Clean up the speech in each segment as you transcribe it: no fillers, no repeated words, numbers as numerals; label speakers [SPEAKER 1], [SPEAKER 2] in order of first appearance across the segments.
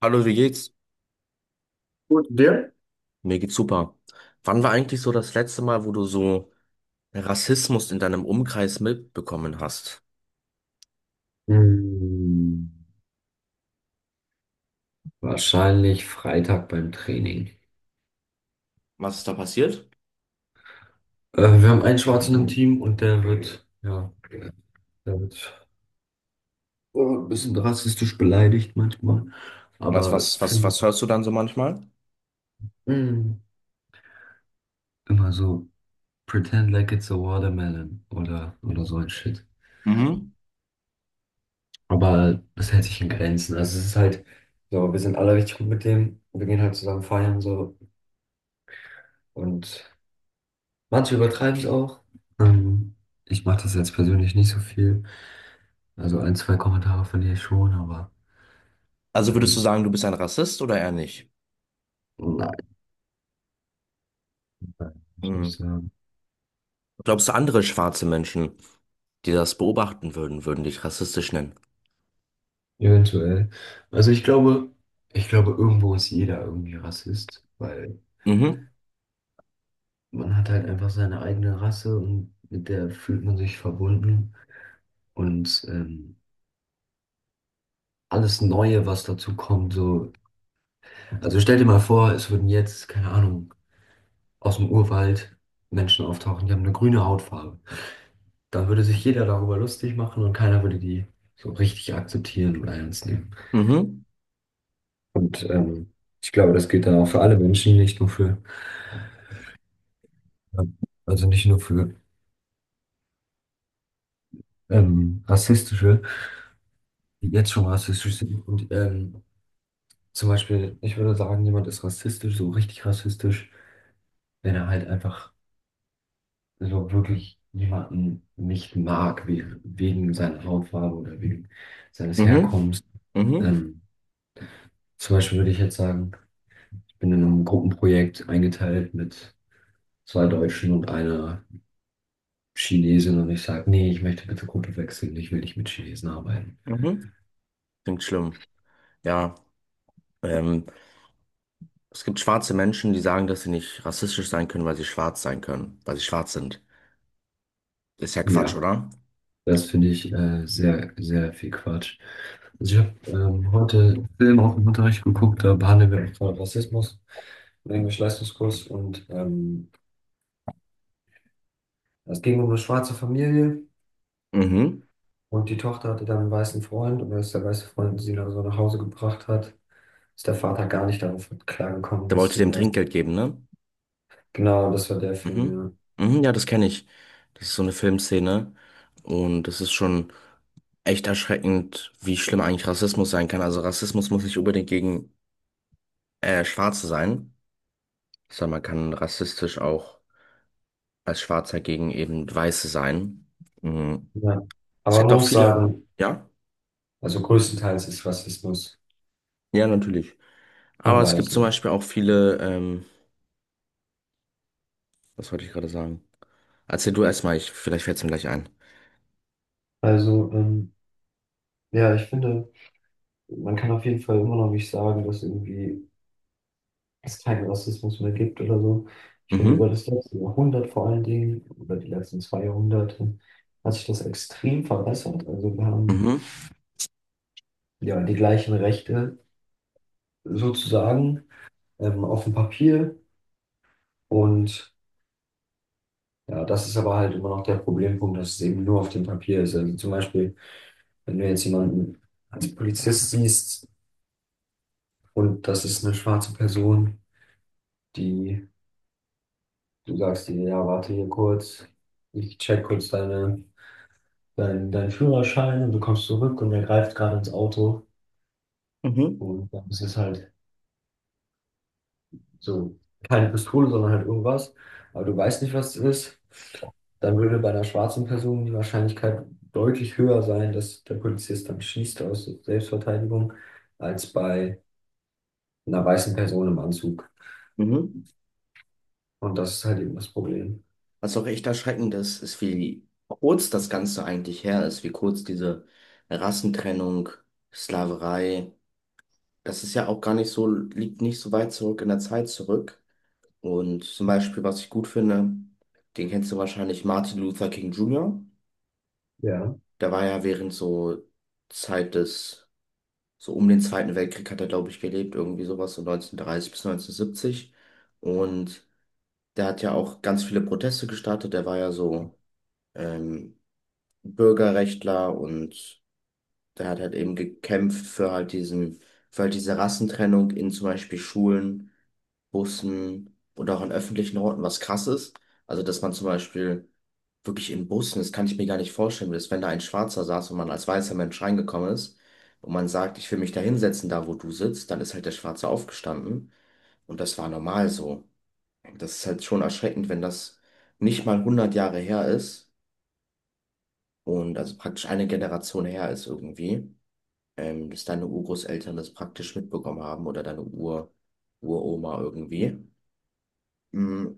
[SPEAKER 1] Hallo, wie geht's?
[SPEAKER 2] Gut, und dir?
[SPEAKER 1] Mir geht's super. Wann war eigentlich so das letzte Mal, wo du so Rassismus in deinem Umkreis mitbekommen hast?
[SPEAKER 2] Hm, Wahrscheinlich Freitag beim Training.
[SPEAKER 1] Was ist da passiert?
[SPEAKER 2] Wir haben einen Schwarzen im Team und der wird, ja, der wird, oh, ein bisschen rassistisch beleidigt manchmal.
[SPEAKER 1] Was,
[SPEAKER 2] Aber
[SPEAKER 1] was, was,
[SPEAKER 2] finde
[SPEAKER 1] was hörst du dann so manchmal?
[SPEAKER 2] hm, Immer so, pretend like it's a watermelon oder so ein Shit.
[SPEAKER 1] Mhm.
[SPEAKER 2] Aber das hält sich in Grenzen. Also es ist halt so, wir sind alle richtig gut mit dem. Wir gehen halt zusammen feiern so. Und manche übertreiben es auch. Ähm, Ich mache das jetzt persönlich nicht so viel. Also ein, zwei Kommentare von dir schon, aber
[SPEAKER 1] Also würdest du
[SPEAKER 2] ähm,
[SPEAKER 1] sagen, du bist ein Rassist oder eher nicht?
[SPEAKER 2] nein, kann ich
[SPEAKER 1] Hm.
[SPEAKER 2] nicht sagen.
[SPEAKER 1] Glaubst du, andere schwarze Menschen, die das beobachten würden, würden dich rassistisch nennen?
[SPEAKER 2] Eventuell. Also ich glaube, irgendwo ist jeder irgendwie Rassist, weil
[SPEAKER 1] Mhm,
[SPEAKER 2] man hat halt einfach seine eigene Rasse und mit der fühlt man sich verbunden. Und alles Neue, was dazu kommt, so. Also stell dir mal vor, es würden jetzt, keine Ahnung, aus dem Urwald Menschen auftauchen, die haben eine grüne Hautfarbe. Da würde sich jeder darüber lustig machen und keiner würde die so richtig akzeptieren oder ernst nehmen.
[SPEAKER 1] mhm,
[SPEAKER 2] Und ich glaube, das gilt dann auch für alle Menschen, nicht nur für, ähm, also nicht nur für rassistische, die jetzt schon rassistisch sind. Und zum Beispiel, ich würde sagen, jemand ist rassistisch, so richtig rassistisch, wenn er halt einfach so wirklich jemanden nicht mag, we wegen seiner Hautfarbe oder wegen seines
[SPEAKER 1] mhm,
[SPEAKER 2] Herkommens.
[SPEAKER 1] mhm,
[SPEAKER 2] Ähm, Zum Beispiel würde ich jetzt sagen, ich bin in einem Gruppenprojekt eingeteilt mit zwei Deutschen und einer Chinesin und ich sage, nee, ich möchte bitte Kultur wechseln, ich will nicht mit Chinesen arbeiten.
[SPEAKER 1] mhm. Klingt schlimm. Ja, ähm, es gibt schwarze Menschen, die sagen, dass sie nicht rassistisch sein können, weil sie schwarz sein können, weil sie schwarz sind. Ist ja Quatsch,
[SPEAKER 2] Ja,
[SPEAKER 1] oder?
[SPEAKER 2] das finde ich sehr, sehr viel Quatsch. Also ich habe heute einen Film auch im Unterricht geguckt, da behandeln wir auch gerade Rassismus im Englisch-Leistungskurs und es ging um eine schwarze Familie
[SPEAKER 1] Mhm.
[SPEAKER 2] und die Tochter hatte dann einen weißen Freund und als der weiße Freund sie dann so nach Hause gebracht hat, ist der Vater gar nicht darauf klargekommen,
[SPEAKER 1] Der
[SPEAKER 2] dass
[SPEAKER 1] wollte
[SPEAKER 2] sie
[SPEAKER 1] dem
[SPEAKER 2] ein weißer.
[SPEAKER 1] Trinkgeld geben, ne?
[SPEAKER 2] Genau, das war der Film,
[SPEAKER 1] Mhm.
[SPEAKER 2] ja.
[SPEAKER 1] Mhm, ja, das kenne ich. Das ist so eine Filmszene. Und das ist schon echt erschreckend, wie schlimm eigentlich Rassismus sein kann. Also Rassismus muss nicht unbedingt gegen Schwarze sein, sondern man kann rassistisch auch als Schwarzer gegen eben Weiße sein. Mhm.
[SPEAKER 2] Ja.
[SPEAKER 1] Es
[SPEAKER 2] Aber
[SPEAKER 1] gibt
[SPEAKER 2] man
[SPEAKER 1] auch
[SPEAKER 2] muss
[SPEAKER 1] viele,
[SPEAKER 2] sagen,
[SPEAKER 1] ja?
[SPEAKER 2] also größtenteils ist Rassismus.
[SPEAKER 1] Ja, natürlich.
[SPEAKER 2] Von
[SPEAKER 1] Aber es gibt zum
[SPEAKER 2] Weißen.
[SPEAKER 1] Beispiel auch viele, was wollte ich gerade sagen? Erzähl du erstmal, ich, vielleicht fällt es mir gleich ein.
[SPEAKER 2] Also, ja, ich finde, man kann auf jeden Fall immer noch nicht sagen, dass irgendwie es keinen Rassismus mehr gibt oder so. Ich finde,
[SPEAKER 1] Mhm.
[SPEAKER 2] über das letzte Jahrhundert vor allen Dingen, über die letzten 2 Jahrhunderte, hat sich das extrem verbessert. Also wir haben
[SPEAKER 1] Mhm.
[SPEAKER 2] ja die gleichen Rechte sozusagen auf dem Papier. Und ja, das ist aber halt immer noch der Problempunkt, dass es eben nur auf dem Papier ist. Also zum Beispiel, wenn du jetzt jemanden als Polizist siehst und das ist eine schwarze Person, die, du sagst dir, ja, warte hier kurz, ich check kurz deinen Führerschein und du kommst zurück und er greift gerade ins Auto
[SPEAKER 1] Mhm.
[SPEAKER 2] und dann ist es halt so keine Pistole, sondern halt irgendwas, aber du weißt nicht, was es ist, dann würde bei einer schwarzen Person die Wahrscheinlichkeit deutlich höher sein, dass der Polizist dann schießt aus Selbstverteidigung, als bei einer weißen Person im Anzug.
[SPEAKER 1] Mhm.
[SPEAKER 2] Und das ist halt eben das Problem.
[SPEAKER 1] Was auch echt erschreckend ist, ist, wie kurz das Ganze eigentlich her ist, wie kurz diese Rassentrennung, Sklaverei, das ist ja auch gar nicht so, liegt nicht so weit zurück in der Zeit zurück. Und zum Beispiel, was ich gut finde, den kennst du wahrscheinlich, Martin Luther King Jr.
[SPEAKER 2] Ja,
[SPEAKER 1] Der war ja während so Zeit des, so um den Zweiten Weltkrieg hat er, glaube ich, gelebt, irgendwie sowas, so 1930 bis 1970. Und der hat ja auch ganz viele Proteste gestartet, der war ja so ähm, Bürgerrechtler, und der hat halt eben gekämpft für halt diesen, für halt diese Rassentrennung in zum Beispiel Schulen, Bussen oder auch an öffentlichen Orten, was krass ist. Also, dass man zum Beispiel wirklich in Bussen, das kann ich mir gar nicht vorstellen, dass wenn da ein Schwarzer saß und man als weißer Mensch reingekommen ist und man sagt, ich will mich da hinsetzen, da wo du sitzt, dann ist halt der Schwarze aufgestanden und das war normal so. Das ist halt schon erschreckend, wenn das nicht mal hundert Jahre her ist und also praktisch eine Generation her ist irgendwie, dass deine Urgroßeltern das praktisch mitbekommen haben oder deine Ur Uroma irgendwie. Mm.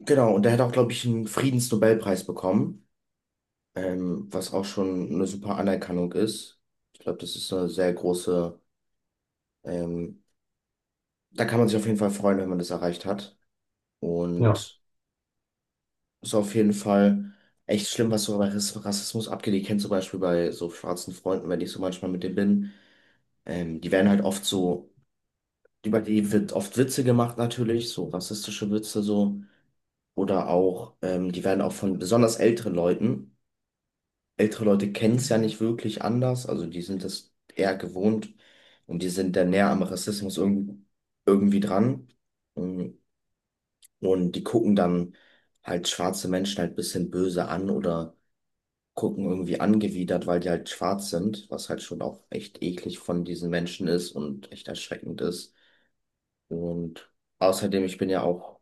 [SPEAKER 1] Genau, und der hat auch, glaube ich, einen Friedensnobelpreis bekommen, was auch schon eine super Anerkennung ist. Ich glaube, das ist eine sehr große, ähm, da kann man sich auf jeden Fall freuen, wenn man das erreicht hat.
[SPEAKER 2] ja,
[SPEAKER 1] Und ist auf jeden Fall echt schlimm, was so bei Rassismus abgeht. Ich kenne zum Beispiel bei so schwarzen Freunden, wenn ich so manchmal mit denen bin, die werden halt oft so über die wird oft Witze gemacht natürlich, so rassistische Witze so. Oder auch, die werden auch von besonders älteren Leuten, ältere Leute kennen es ja nicht wirklich anders, also die sind das eher gewohnt und die sind dann näher am Rassismus irgendwie, irgendwie dran. Und, und die gucken dann halt schwarze Menschen halt ein bisschen böse an oder gucken irgendwie angewidert, weil die halt schwarz sind, was halt schon auch echt eklig von diesen Menschen ist und echt erschreckend ist. Und außerdem, ich bin ja auch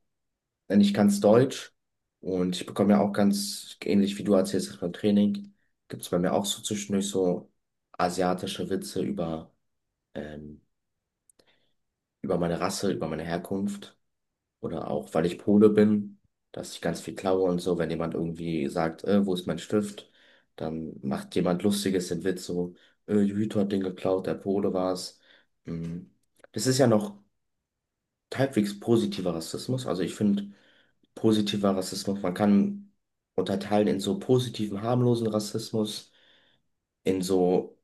[SPEAKER 1] denn ich kann's Deutsch, und ich bekomme ja auch ganz ähnlich wie du erzählst das beim Training, gibt es bei mir auch so zwischendurch so asiatische Witze über, ähm, über meine Rasse, über meine Herkunft oder auch, weil ich Pole bin, dass ich ganz viel klaue und so. Wenn jemand irgendwie sagt, wo ist mein Stift, dann macht jemand Lustiges den Witz so, Jujito hat den geklaut, der Pole war's. Mm. Das ist ja noch halbwegs positiver Rassismus. Also ich finde positiver Rassismus, man kann unterteilen in so positiven, harmlosen Rassismus, in so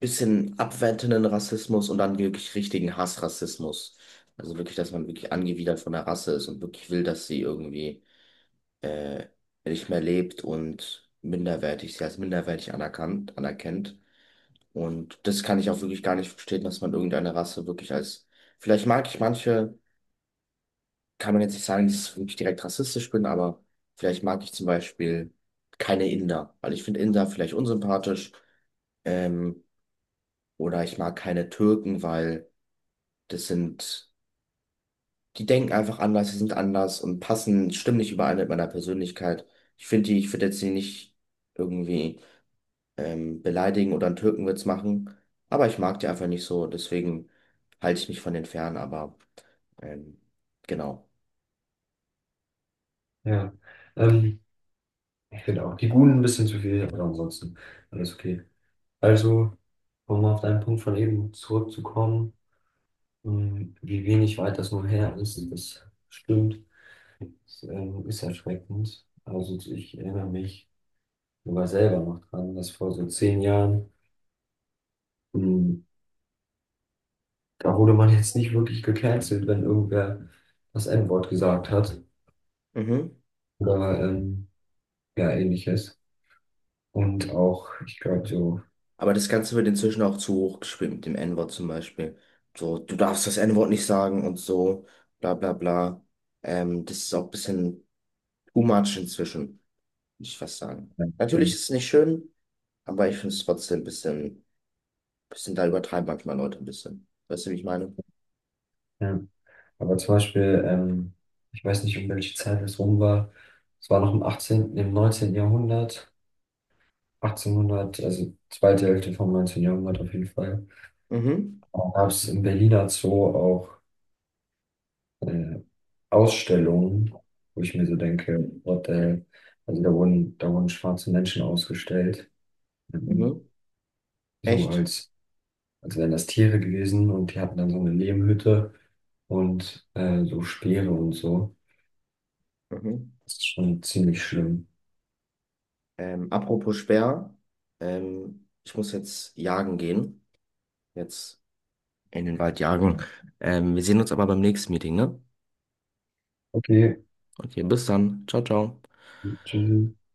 [SPEAKER 1] bisschen abwertenden Rassismus und dann wirklich richtigen Hassrassismus. Also wirklich, dass man wirklich angewidert von der Rasse ist und wirklich will, dass sie irgendwie äh, nicht mehr lebt und minderwertig, sie als minderwertig anerkannt, anerkennt. Und das kann ich auch wirklich gar nicht verstehen, dass man irgendeine Rasse wirklich als, vielleicht mag ich manche, kann man jetzt nicht sagen, dass ich wirklich direkt rassistisch bin, aber vielleicht mag ich zum Beispiel keine Inder, weil ich finde Inder vielleicht unsympathisch. Ähm, oder ich mag keine Türken, weil das sind, die denken einfach anders, die sind anders und passen, stimmen nicht überein mit meiner Persönlichkeit. Ich finde die, ich würde jetzt die nicht irgendwie beleidigen oder einen Türkenwitz machen, aber ich mag die einfach nicht so, deswegen halte ich mich von denen fern, aber ähm, genau.
[SPEAKER 2] ja. Ähm, Genau. Die Guten ein bisschen zu viel, aber ansonsten alles okay. Also, um auf deinen Punkt von eben zurückzukommen, wie wenig weit das nur her ist, das stimmt, das ist erschreckend. Also ich erinnere mich sogar selber noch dran, dass vor so 10 Jahren, mh, da wurde man jetzt nicht wirklich gecancelt, wenn irgendwer das N-Wort gesagt hat
[SPEAKER 1] Mhm.
[SPEAKER 2] oder ja ähnliches. Und auch, ich glaube, so.
[SPEAKER 1] Aber das Ganze wird inzwischen auch zu hoch gespielt mit dem N-Wort zum Beispiel. So, du darfst das N-Wort nicht sagen und so, bla bla bla. Das ist auch ein bisschen too much inzwischen, muss ich fast sagen. Natürlich ist es nicht schön, aber ich finde es trotzdem ein bisschen, bisschen, da übertreiben manchmal Leute ein bisschen. Weißt du, wie ich meine?
[SPEAKER 2] Ja. Aber zum Beispiel, ich weiß nicht, um welche Zeit es rum war. Es war noch im 18., im 19. Jahrhundert, 1800, also zweite Hälfte vom 19. Jahrhundert auf jeden Fall.
[SPEAKER 1] Mhm,
[SPEAKER 2] Da gab es im Berliner Zoo auch äh, Ausstellungen, wo ich mir so denke, what the hell? Also da wurden schwarze Menschen ausgestellt,
[SPEAKER 1] mhm,
[SPEAKER 2] ähm, so
[SPEAKER 1] echt.
[SPEAKER 2] als wären das Tiere gewesen und die hatten dann so eine Lehmhütte und so Speere und so.
[SPEAKER 1] Mhm.
[SPEAKER 2] Das ist schon ziemlich schlimm.
[SPEAKER 1] Apropos Speer, ich muss jetzt jagen gehen. Jetzt in den Wald jagen. Wir sehen uns aber beim nächsten Meeting, ne?
[SPEAKER 2] Okay,
[SPEAKER 1] Okay, bis dann. Ciao, ciao.
[SPEAKER 2] tschüssi.